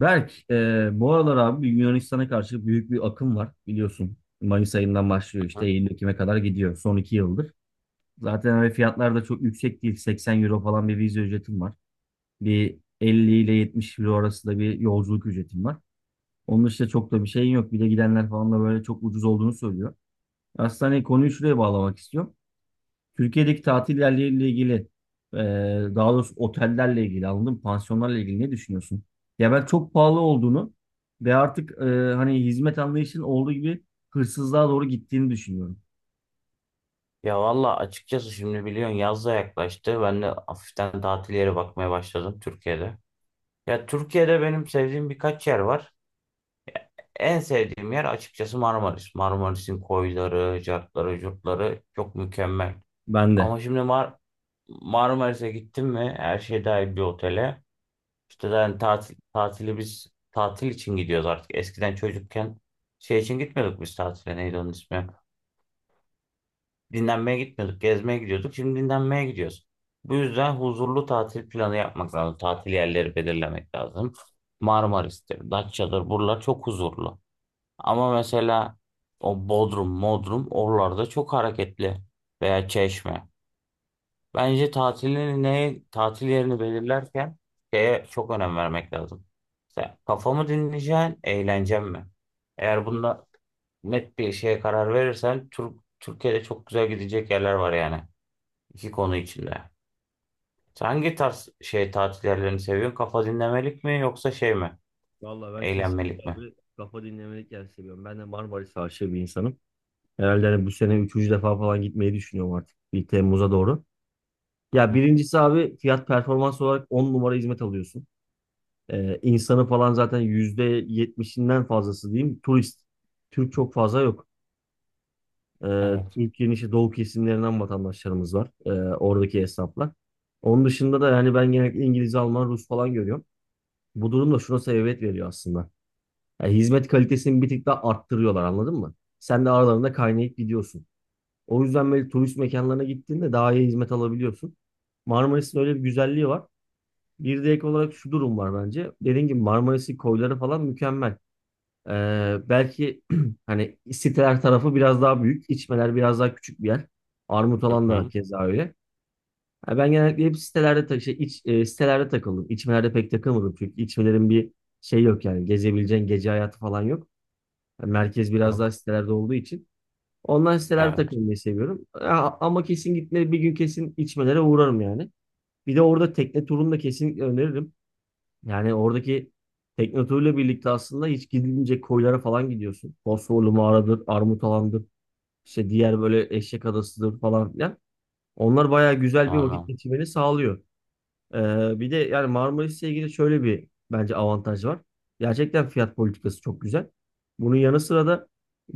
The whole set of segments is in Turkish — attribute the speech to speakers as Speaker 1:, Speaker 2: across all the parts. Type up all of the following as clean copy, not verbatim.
Speaker 1: Berk, bu aralar abi Yunanistan'a karşı büyük bir akım var biliyorsun. Mayıs ayından başlıyor işte
Speaker 2: Hı?
Speaker 1: Eylül-Ekim'e kadar gidiyor son iki yıldır. Zaten hani fiyatlar da çok yüksek değil. 80 euro falan bir vize ücretim var. Bir 50 ile 70 euro arasında bir yolculuk ücretim var. Onun dışında çok da bir şeyin yok. Bir de gidenler falan da böyle çok ucuz olduğunu söylüyor. Aslında hani konuyu şuraya bağlamak istiyorum. Türkiye'deki tatil yerleriyle ilgili, e, daha doğrusu otellerle ilgili, anladın mı? Pansiyonlarla ilgili ne düşünüyorsun? Ya ben çok pahalı olduğunu ve artık hani hizmet anlayışının olduğu gibi hırsızlığa doğru gittiğini düşünüyorum.
Speaker 2: Ya valla açıkçası şimdi biliyorsun yaz da yaklaştı. Ben de hafiften tatil yeri bakmaya başladım Türkiye'de. Ya Türkiye'de benim sevdiğim birkaç yer var. En sevdiğim yer açıkçası Marmaris. Marmaris'in koyları, cartları, curtları çok mükemmel.
Speaker 1: Ben
Speaker 2: Ama
Speaker 1: de.
Speaker 2: şimdi Marmaris'e gittim mi her şey dahil bir otele. İşte yani tatil, tatili biz tatil için gidiyoruz artık. Eskiden çocukken şey için gitmiyorduk biz tatile, neydi onun ismi? Dinlenmeye gitmiyorduk, gezmeye gidiyorduk. Şimdi dinlenmeye gidiyoruz. Bu yüzden huzurlu tatil planı yapmak lazım. Tatil yerleri belirlemek lazım. Marmaris'tir, Datça'dır. Buralar çok huzurlu. Ama mesela o Bodrum, Modrum oralarda çok hareketli, veya Çeşme. Bence tatilini, ne, tatil yerini belirlerken şeye çok önem vermek lazım. Mesela kafamı dinleyeceğin, eğleneceğim mi? Eğer bunda net bir şeye karar verirsen Türkiye'de çok güzel gidecek yerler var yani. İki konu içinde. Sen hangi tarz şey, tatil yerlerini seviyorsun? Kafa dinlemelik mi yoksa şey mi?
Speaker 1: Vallahi ben kesinlikle
Speaker 2: Eğlenmelik mi?
Speaker 1: abi kafa dinlemelik yer seviyorum. Ben de Marmaris aşığı bir insanım. Herhalde hani bu sene üçüncü defa falan gitmeyi düşünüyorum artık. Bir Temmuz'a doğru. Ya
Speaker 2: Hı.
Speaker 1: birincisi abi fiyat performans olarak 10 numara hizmet alıyorsun. İnsanı falan zaten yüzde yetmişinden fazlası diyeyim turist. Türk çok fazla yok. Ee,
Speaker 2: Evet.
Speaker 1: Türkiye'nin işte doğu kesimlerinden vatandaşlarımız var. Oradaki esnaflar. Onun dışında da yani ben genellikle İngiliz, Alman, Rus falan görüyorum. Bu durum da şuna sebebiyet veriyor aslında. Yani hizmet kalitesini bir tık daha arttırıyorlar anladın mı? Sen de aralarında kaynayıp gidiyorsun. O yüzden böyle turist mekanlarına gittiğinde daha iyi hizmet alabiliyorsun. Marmaris'in öyle bir güzelliği var. Bir de ek olarak şu durum var bence. Dediğim gibi Marmaris'in koyları falan mükemmel. Belki hani siteler tarafı biraz daha büyük, içmeler biraz daha küçük bir yer. Armut alan da
Speaker 2: Hı.
Speaker 1: keza öyle. Ha, ben genellikle hep sitelerde tak şey, iç, e, sitelerde takıldım. İçmelerde pek takılmadım çünkü içmelerin bir şey yok yani gezebileceğin gece hayatı falan yok. Yani merkez biraz daha
Speaker 2: Yok.
Speaker 1: sitelerde olduğu için. Ondan sitelerde
Speaker 2: Evet.
Speaker 1: takılmayı seviyorum. Ha, ama kesin gitmeleri bir gün kesin içmelere uğrarım yani. Bir de orada tekne turunu da kesinlikle öneririm. Yani oradaki tekne birlikte aslında hiç gidilmeyecek koylara falan gidiyorsun. Fosforlu mağaradır, Armut Alan'dır, işte diğer böyle Eşek Adası'dır falan filan. Onlar bayağı güzel bir vakit
Speaker 2: Anladım.
Speaker 1: geçirmeni sağlıyor. Bir de yani Marmaris'le ilgili şöyle bir bence avantaj var. Gerçekten fiyat politikası çok güzel. Bunun yanı sıra da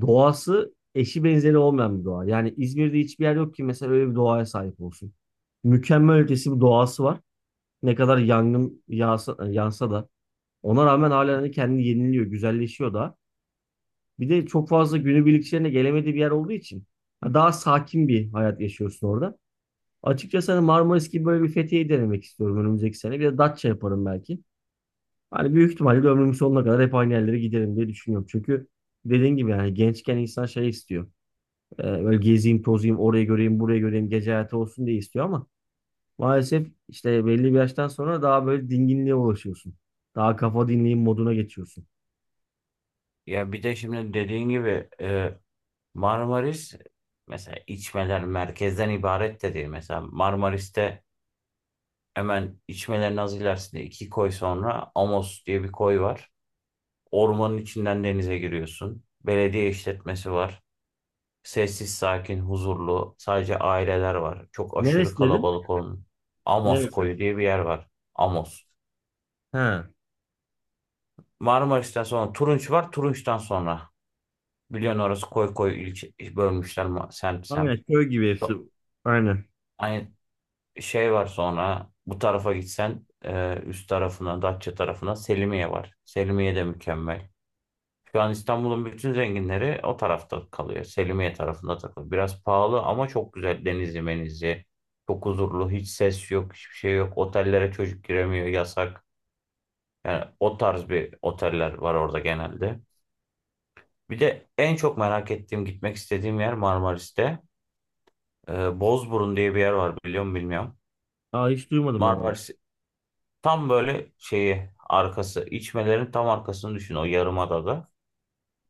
Speaker 1: doğası eşi benzeri olmayan bir doğa. Yani İzmir'de hiçbir yer yok ki mesela öyle bir doğaya sahip olsun. Mükemmel ötesi bir doğası var. Ne kadar yangın yağsa, yansa da ona rağmen hala hani kendini yeniliyor, güzelleşiyor da. Bir de çok fazla günübirlikçilerine gelemediği bir yer olduğu için ha, daha sakin bir hayat yaşıyorsun orada. Açıkçası hani Marmaris gibi böyle bir Fethiye'yi denemek istiyorum önümüzdeki sene. Bir de Datça yaparım belki. Hani büyük ihtimalle de ömrümün sonuna kadar hep aynı yerlere giderim diye düşünüyorum. Çünkü dediğin gibi yani gençken insan şey istiyor. Böyle gezeyim, tozayım, orayı göreyim, burayı göreyim, gece hayatı olsun diye istiyor ama maalesef işte belli bir yaştan sonra daha böyle dinginliğe ulaşıyorsun. Daha kafa dinleyeyim moduna geçiyorsun.
Speaker 2: Ya bir de şimdi dediğin gibi, Marmaris mesela, içmeler merkezden ibaret de değil. Mesela Marmaris'te hemen içmelerin az ilerisinde iki koy sonra Amos diye bir koy var. Ormanın içinden denize giriyorsun. Belediye işletmesi var. Sessiz, sakin, huzurlu. Sadece aileler var. Çok aşırı
Speaker 1: Neresi dedin?
Speaker 2: kalabalık olan. Amos
Speaker 1: Neresi?
Speaker 2: koyu diye bir yer var. Amos.
Speaker 1: Ha.
Speaker 2: Marmaris'ten sonra Turunç var. Turunç'tan sonra, biliyorsun orası koy koy, ilçe bölmüşler, semt semt.
Speaker 1: Aynen köy gibi hepsi.
Speaker 2: So-
Speaker 1: Aynen.
Speaker 2: Aynı şey var. Sonra bu tarafa gitsen, üst tarafına, Datça tarafına Selimiye var. Selimiye de mükemmel. Şu an İstanbul'un bütün zenginleri o tarafta kalıyor. Selimiye tarafında takılıyor. Biraz pahalı ama çok güzel. Denizli menizli. Çok huzurlu. Hiç ses yok. Hiçbir şey yok. Otellere çocuk giremiyor. Yasak. Yani o tarz bir oteller var orada genelde. Bir de en çok merak ettiğim, gitmek istediğim yer Marmaris'te. Bozburun diye bir yer var, biliyor musun bilmiyorum.
Speaker 1: Aa, hiç duymadım ben orayı.
Speaker 2: Marmaris tam böyle şeyi arkası. İçmelerin tam arkasını düşün, o yarımadada.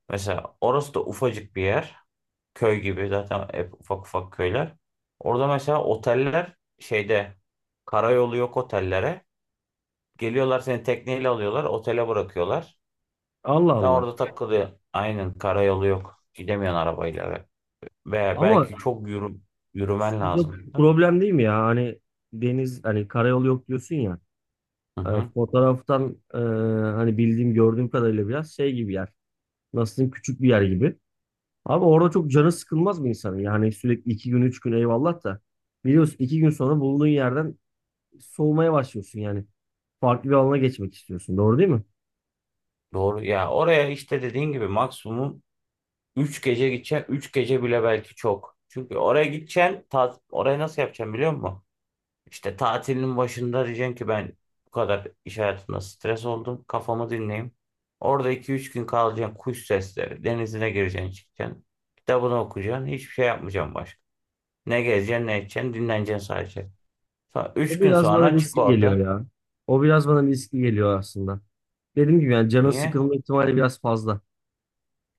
Speaker 2: Mesela orası da ufacık bir yer. Köy gibi zaten, hep ufak ufak köyler. Orada mesela oteller şeyde, karayolu yok otellere. Geliyorlar seni tekneyle alıyorlar, otele bırakıyorlar.
Speaker 1: Allah
Speaker 2: Daha
Speaker 1: Allah.
Speaker 2: orada takılıyor. Aynen karayolu yok. Gidemiyorsun arabayla, ve
Speaker 1: Ama
Speaker 2: belki çok yürümen
Speaker 1: suda
Speaker 2: lazım da.
Speaker 1: problem değil mi ya? Hani deniz hani karayolu yok diyorsun ya.
Speaker 2: Hı hı.
Speaker 1: Fotoğraftan hani bildiğim gördüğüm kadarıyla biraz şey gibi yer. Nasıl diyeyim, küçük bir yer gibi. Abi orada çok canı sıkılmaz mı insanın? Yani sürekli iki gün üç gün eyvallah da. Biliyorsun iki gün sonra bulunduğun yerden soğumaya başlıyorsun yani. Farklı bir alana geçmek istiyorsun. Doğru değil mi?
Speaker 2: Doğru ya, oraya işte dediğin gibi maksimum 3 gece gideceksin. 3 gece bile belki çok. Çünkü oraya gideceksin, orayı nasıl yapacaksın biliyor musun? İşte tatilin başında diyeceksin ki, ben bu kadar iş hayatında stres oldum, kafamı dinleyeyim. Orada iki üç gün kalacaksın. Kuş sesleri. Denizine gireceksin çıkacaksın. Kitabını okuyacaksın. Hiçbir şey yapmayacaksın başka. Ne gezeceksin ne edeceksin. Dinleneceksin sadece. Sonra 3
Speaker 1: O
Speaker 2: gün
Speaker 1: biraz bana
Speaker 2: sonra çık
Speaker 1: riskli geliyor
Speaker 2: orada.
Speaker 1: ya. O biraz bana riskli geliyor aslında. Dediğim gibi yani canın
Speaker 2: Niye?
Speaker 1: sıkılma ihtimali biraz fazla.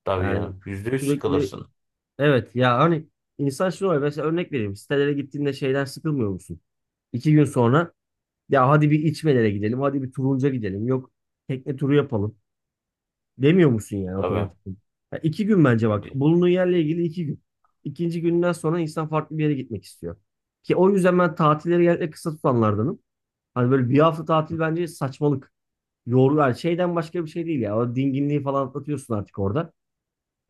Speaker 2: Tabii
Speaker 1: Yani
Speaker 2: canım. %100
Speaker 1: sürekli
Speaker 2: sıkılırsın.
Speaker 1: evet ya hani insan şunu oluyor. Mesela örnek vereyim. Sitelere gittiğinde şeyden sıkılmıyor musun? İki gün sonra ya hadi bir içmelere gidelim. Hadi bir turunca gidelim. Yok tekne turu yapalım. Demiyor musun yani
Speaker 2: Tabii.
Speaker 1: otomatik? Ya iki gün bence bak.
Speaker 2: Di-
Speaker 1: Bulunduğun yerle ilgili iki gün. İkinci günden sonra insan farklı bir yere gitmek istiyor. Ki o yüzden ben tatilleri genellikle kısa tutanlardanım. Hani böyle bir hafta tatil bence saçmalık. Yorgun yani şeyden başka bir şey değil ya. O dinginliği falan atlatıyorsun artık orada.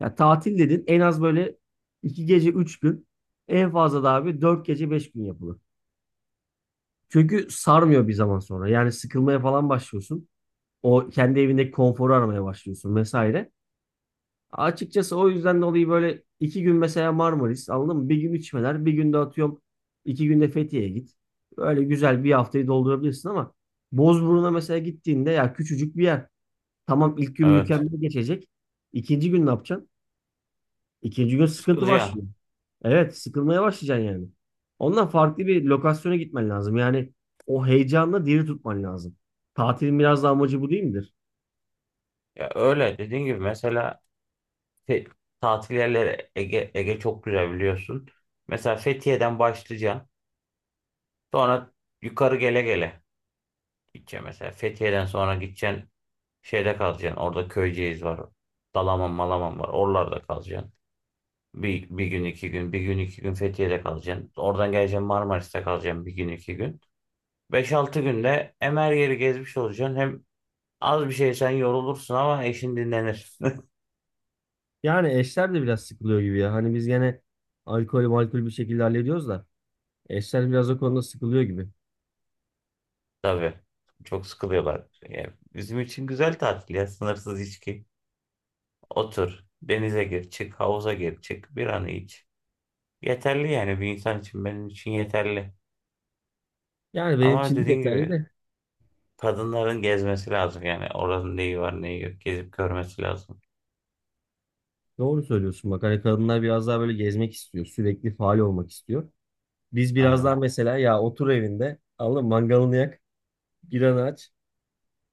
Speaker 1: Ya tatil dedin en az böyle iki gece üç gün. En fazla da abi dört gece beş gün yapılır. Çünkü sarmıyor bir zaman sonra. Yani sıkılmaya falan başlıyorsun. O kendi evindeki konforu aramaya başlıyorsun vesaire. Açıkçası o yüzden dolayı böyle iki gün mesela Marmaris anladın mı? Bir gün içmeler, bir günde atıyorum iki günde Fethiye'ye git. Böyle güzel bir haftayı doldurabilirsin ama Bozburun'a mesela gittiğinde ya küçücük bir yer. Tamam ilk gün
Speaker 2: Evet.
Speaker 1: mükemmel geçecek. İkinci gün ne yapacaksın? İkinci gün sıkıntı
Speaker 2: Sıkılacaksın.
Speaker 1: başlıyor. Evet, sıkılmaya başlayacaksın yani. Ondan farklı bir lokasyona gitmen lazım. Yani o heyecanla diri tutman lazım. Tatilin biraz da amacı bu değil midir?
Speaker 2: Ya öyle. Dediğin gibi mesela, te- tatil yerleri, Ege, Ege çok güzel biliyorsun. Mesela Fethiye'den başlayacaksın. Sonra yukarı gele gele gideceksin mesela. Fethiye'den sonra gideceksin, şeyde kalacaksın. Orada Köyceğiz var. Dalaman Malaman var. Oralarda kalacaksın. Bir gün iki gün. Bir gün iki gün Fethiye'de kalacaksın. Oradan geleceksin, Marmaris'te kalacaksın bir gün iki gün. Beş altı günde hem her yeri gezmiş olacaksın, hem az bir şey sen yorulursun ama eşin dinlenir.
Speaker 1: Yani eşler de biraz sıkılıyor gibi ya. Hani biz gene alkol malkol bir şekilde hallediyoruz da eşler biraz o konuda sıkılıyor gibi.
Speaker 2: Tabii. Çok sıkılıyorlar. Yani bizim için güzel tatil ya. Sınırsız içki. Otur. Denize gir, çık, havuza gir, çık, bir an iç. Yeterli yani, bir insan için, benim için yeterli.
Speaker 1: Yani benim
Speaker 2: Ama
Speaker 1: için de
Speaker 2: dediğin
Speaker 1: yeterli
Speaker 2: gibi,
Speaker 1: de
Speaker 2: kadınların gezmesi lazım yani, oranın neyi var neyi yok gezip görmesi lazım.
Speaker 1: doğru söylüyorsun bak. Hani kadınlar biraz daha böyle gezmek istiyor. Sürekli faal olmak istiyor. Biz biraz daha
Speaker 2: Aynen.
Speaker 1: mesela ya otur evinde alın mangalını yak, biranı aç,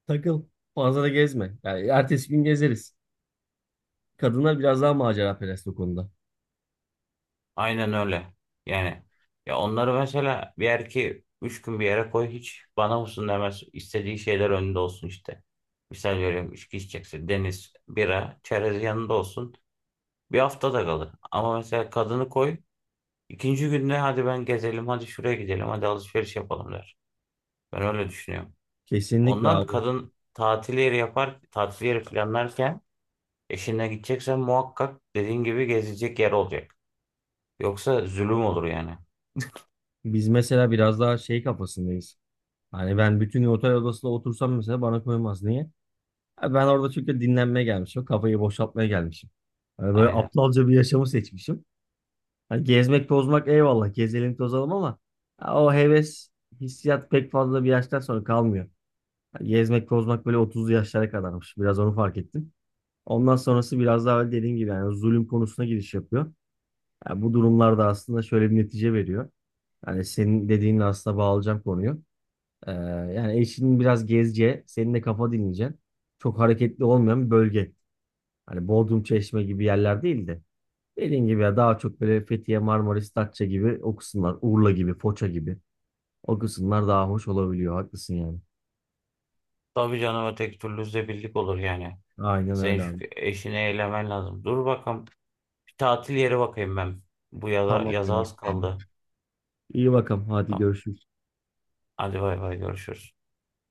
Speaker 1: takıl. Fazla da gezme. Yani ertesi gün gezeriz. Kadınlar biraz daha maceraperest o konuda.
Speaker 2: Aynen öyle. Yani ya, onları mesela, bir erkeği 3 gün bir yere koy, hiç bana mısın demez. İstediği şeyler önünde olsun işte. Misal veriyorum, içki içecekse deniz, bira, çerez yanında olsun. Bir hafta da kalır. Ama mesela kadını koy, ikinci günde hadi ben gezelim, hadi şuraya gidelim, hadi alışveriş yapalım der. Ben öyle düşünüyorum.
Speaker 1: Kesinlikle
Speaker 2: Ondan
Speaker 1: abi.
Speaker 2: kadın tatil yeri yapar, tatil yeri planlarken eşine gideceksen muhakkak dediğin gibi gezilecek yer olacak. Yoksa zulüm olur yani.
Speaker 1: Biz mesela biraz daha şey kafasındayız. Hani ben bütün gün otel odasında otursam mesela bana koymaz. Niye? Ben orada çünkü dinlenmeye gelmişim. Kafayı boşaltmaya gelmişim. Hani böyle
Speaker 2: Aynen.
Speaker 1: aptalca bir yaşamı seçmişim. Hani gezmek, tozmak eyvallah. Gezelim, tozalım ama ya o heves, hissiyat pek fazla bir yaştan sonra kalmıyor. Hani gezmek, tozmak böyle 30'lu yaşlara kadarmış. Biraz onu fark ettim. Ondan sonrası biraz daha öyle dediğim gibi yani zulüm konusuna giriş yapıyor. Yani bu durumlar da aslında şöyle bir netice veriyor. Yani senin dediğinle aslında bağlayacağım konuyu. Ee, yani eşinin biraz gezce, senin de kafa dinleyeceksin. Çok hareketli olmayan bir bölge. Hani Bodrum Çeşme gibi yerler değil de dediğin gibi ya daha çok böyle Fethiye, Marmaris, Datça gibi o kısımlar, Urla gibi, Foça gibi o kısımlar daha hoş olabiliyor. Haklısın yani.
Speaker 2: Tabii canım, öteki türlü zebirlik olur yani.
Speaker 1: Aynen
Speaker 2: Senin
Speaker 1: öyle
Speaker 2: şu
Speaker 1: abi.
Speaker 2: eşini eylemen lazım. Dur bakalım, bir tatil yeri bakayım ben. Bu yaza,
Speaker 1: Tamam
Speaker 2: yaza
Speaker 1: ya.
Speaker 2: az kaldı.
Speaker 1: İyi bakalım. Hadi
Speaker 2: Tamam.
Speaker 1: görüşürüz.
Speaker 2: Hadi bay bay, görüşürüz.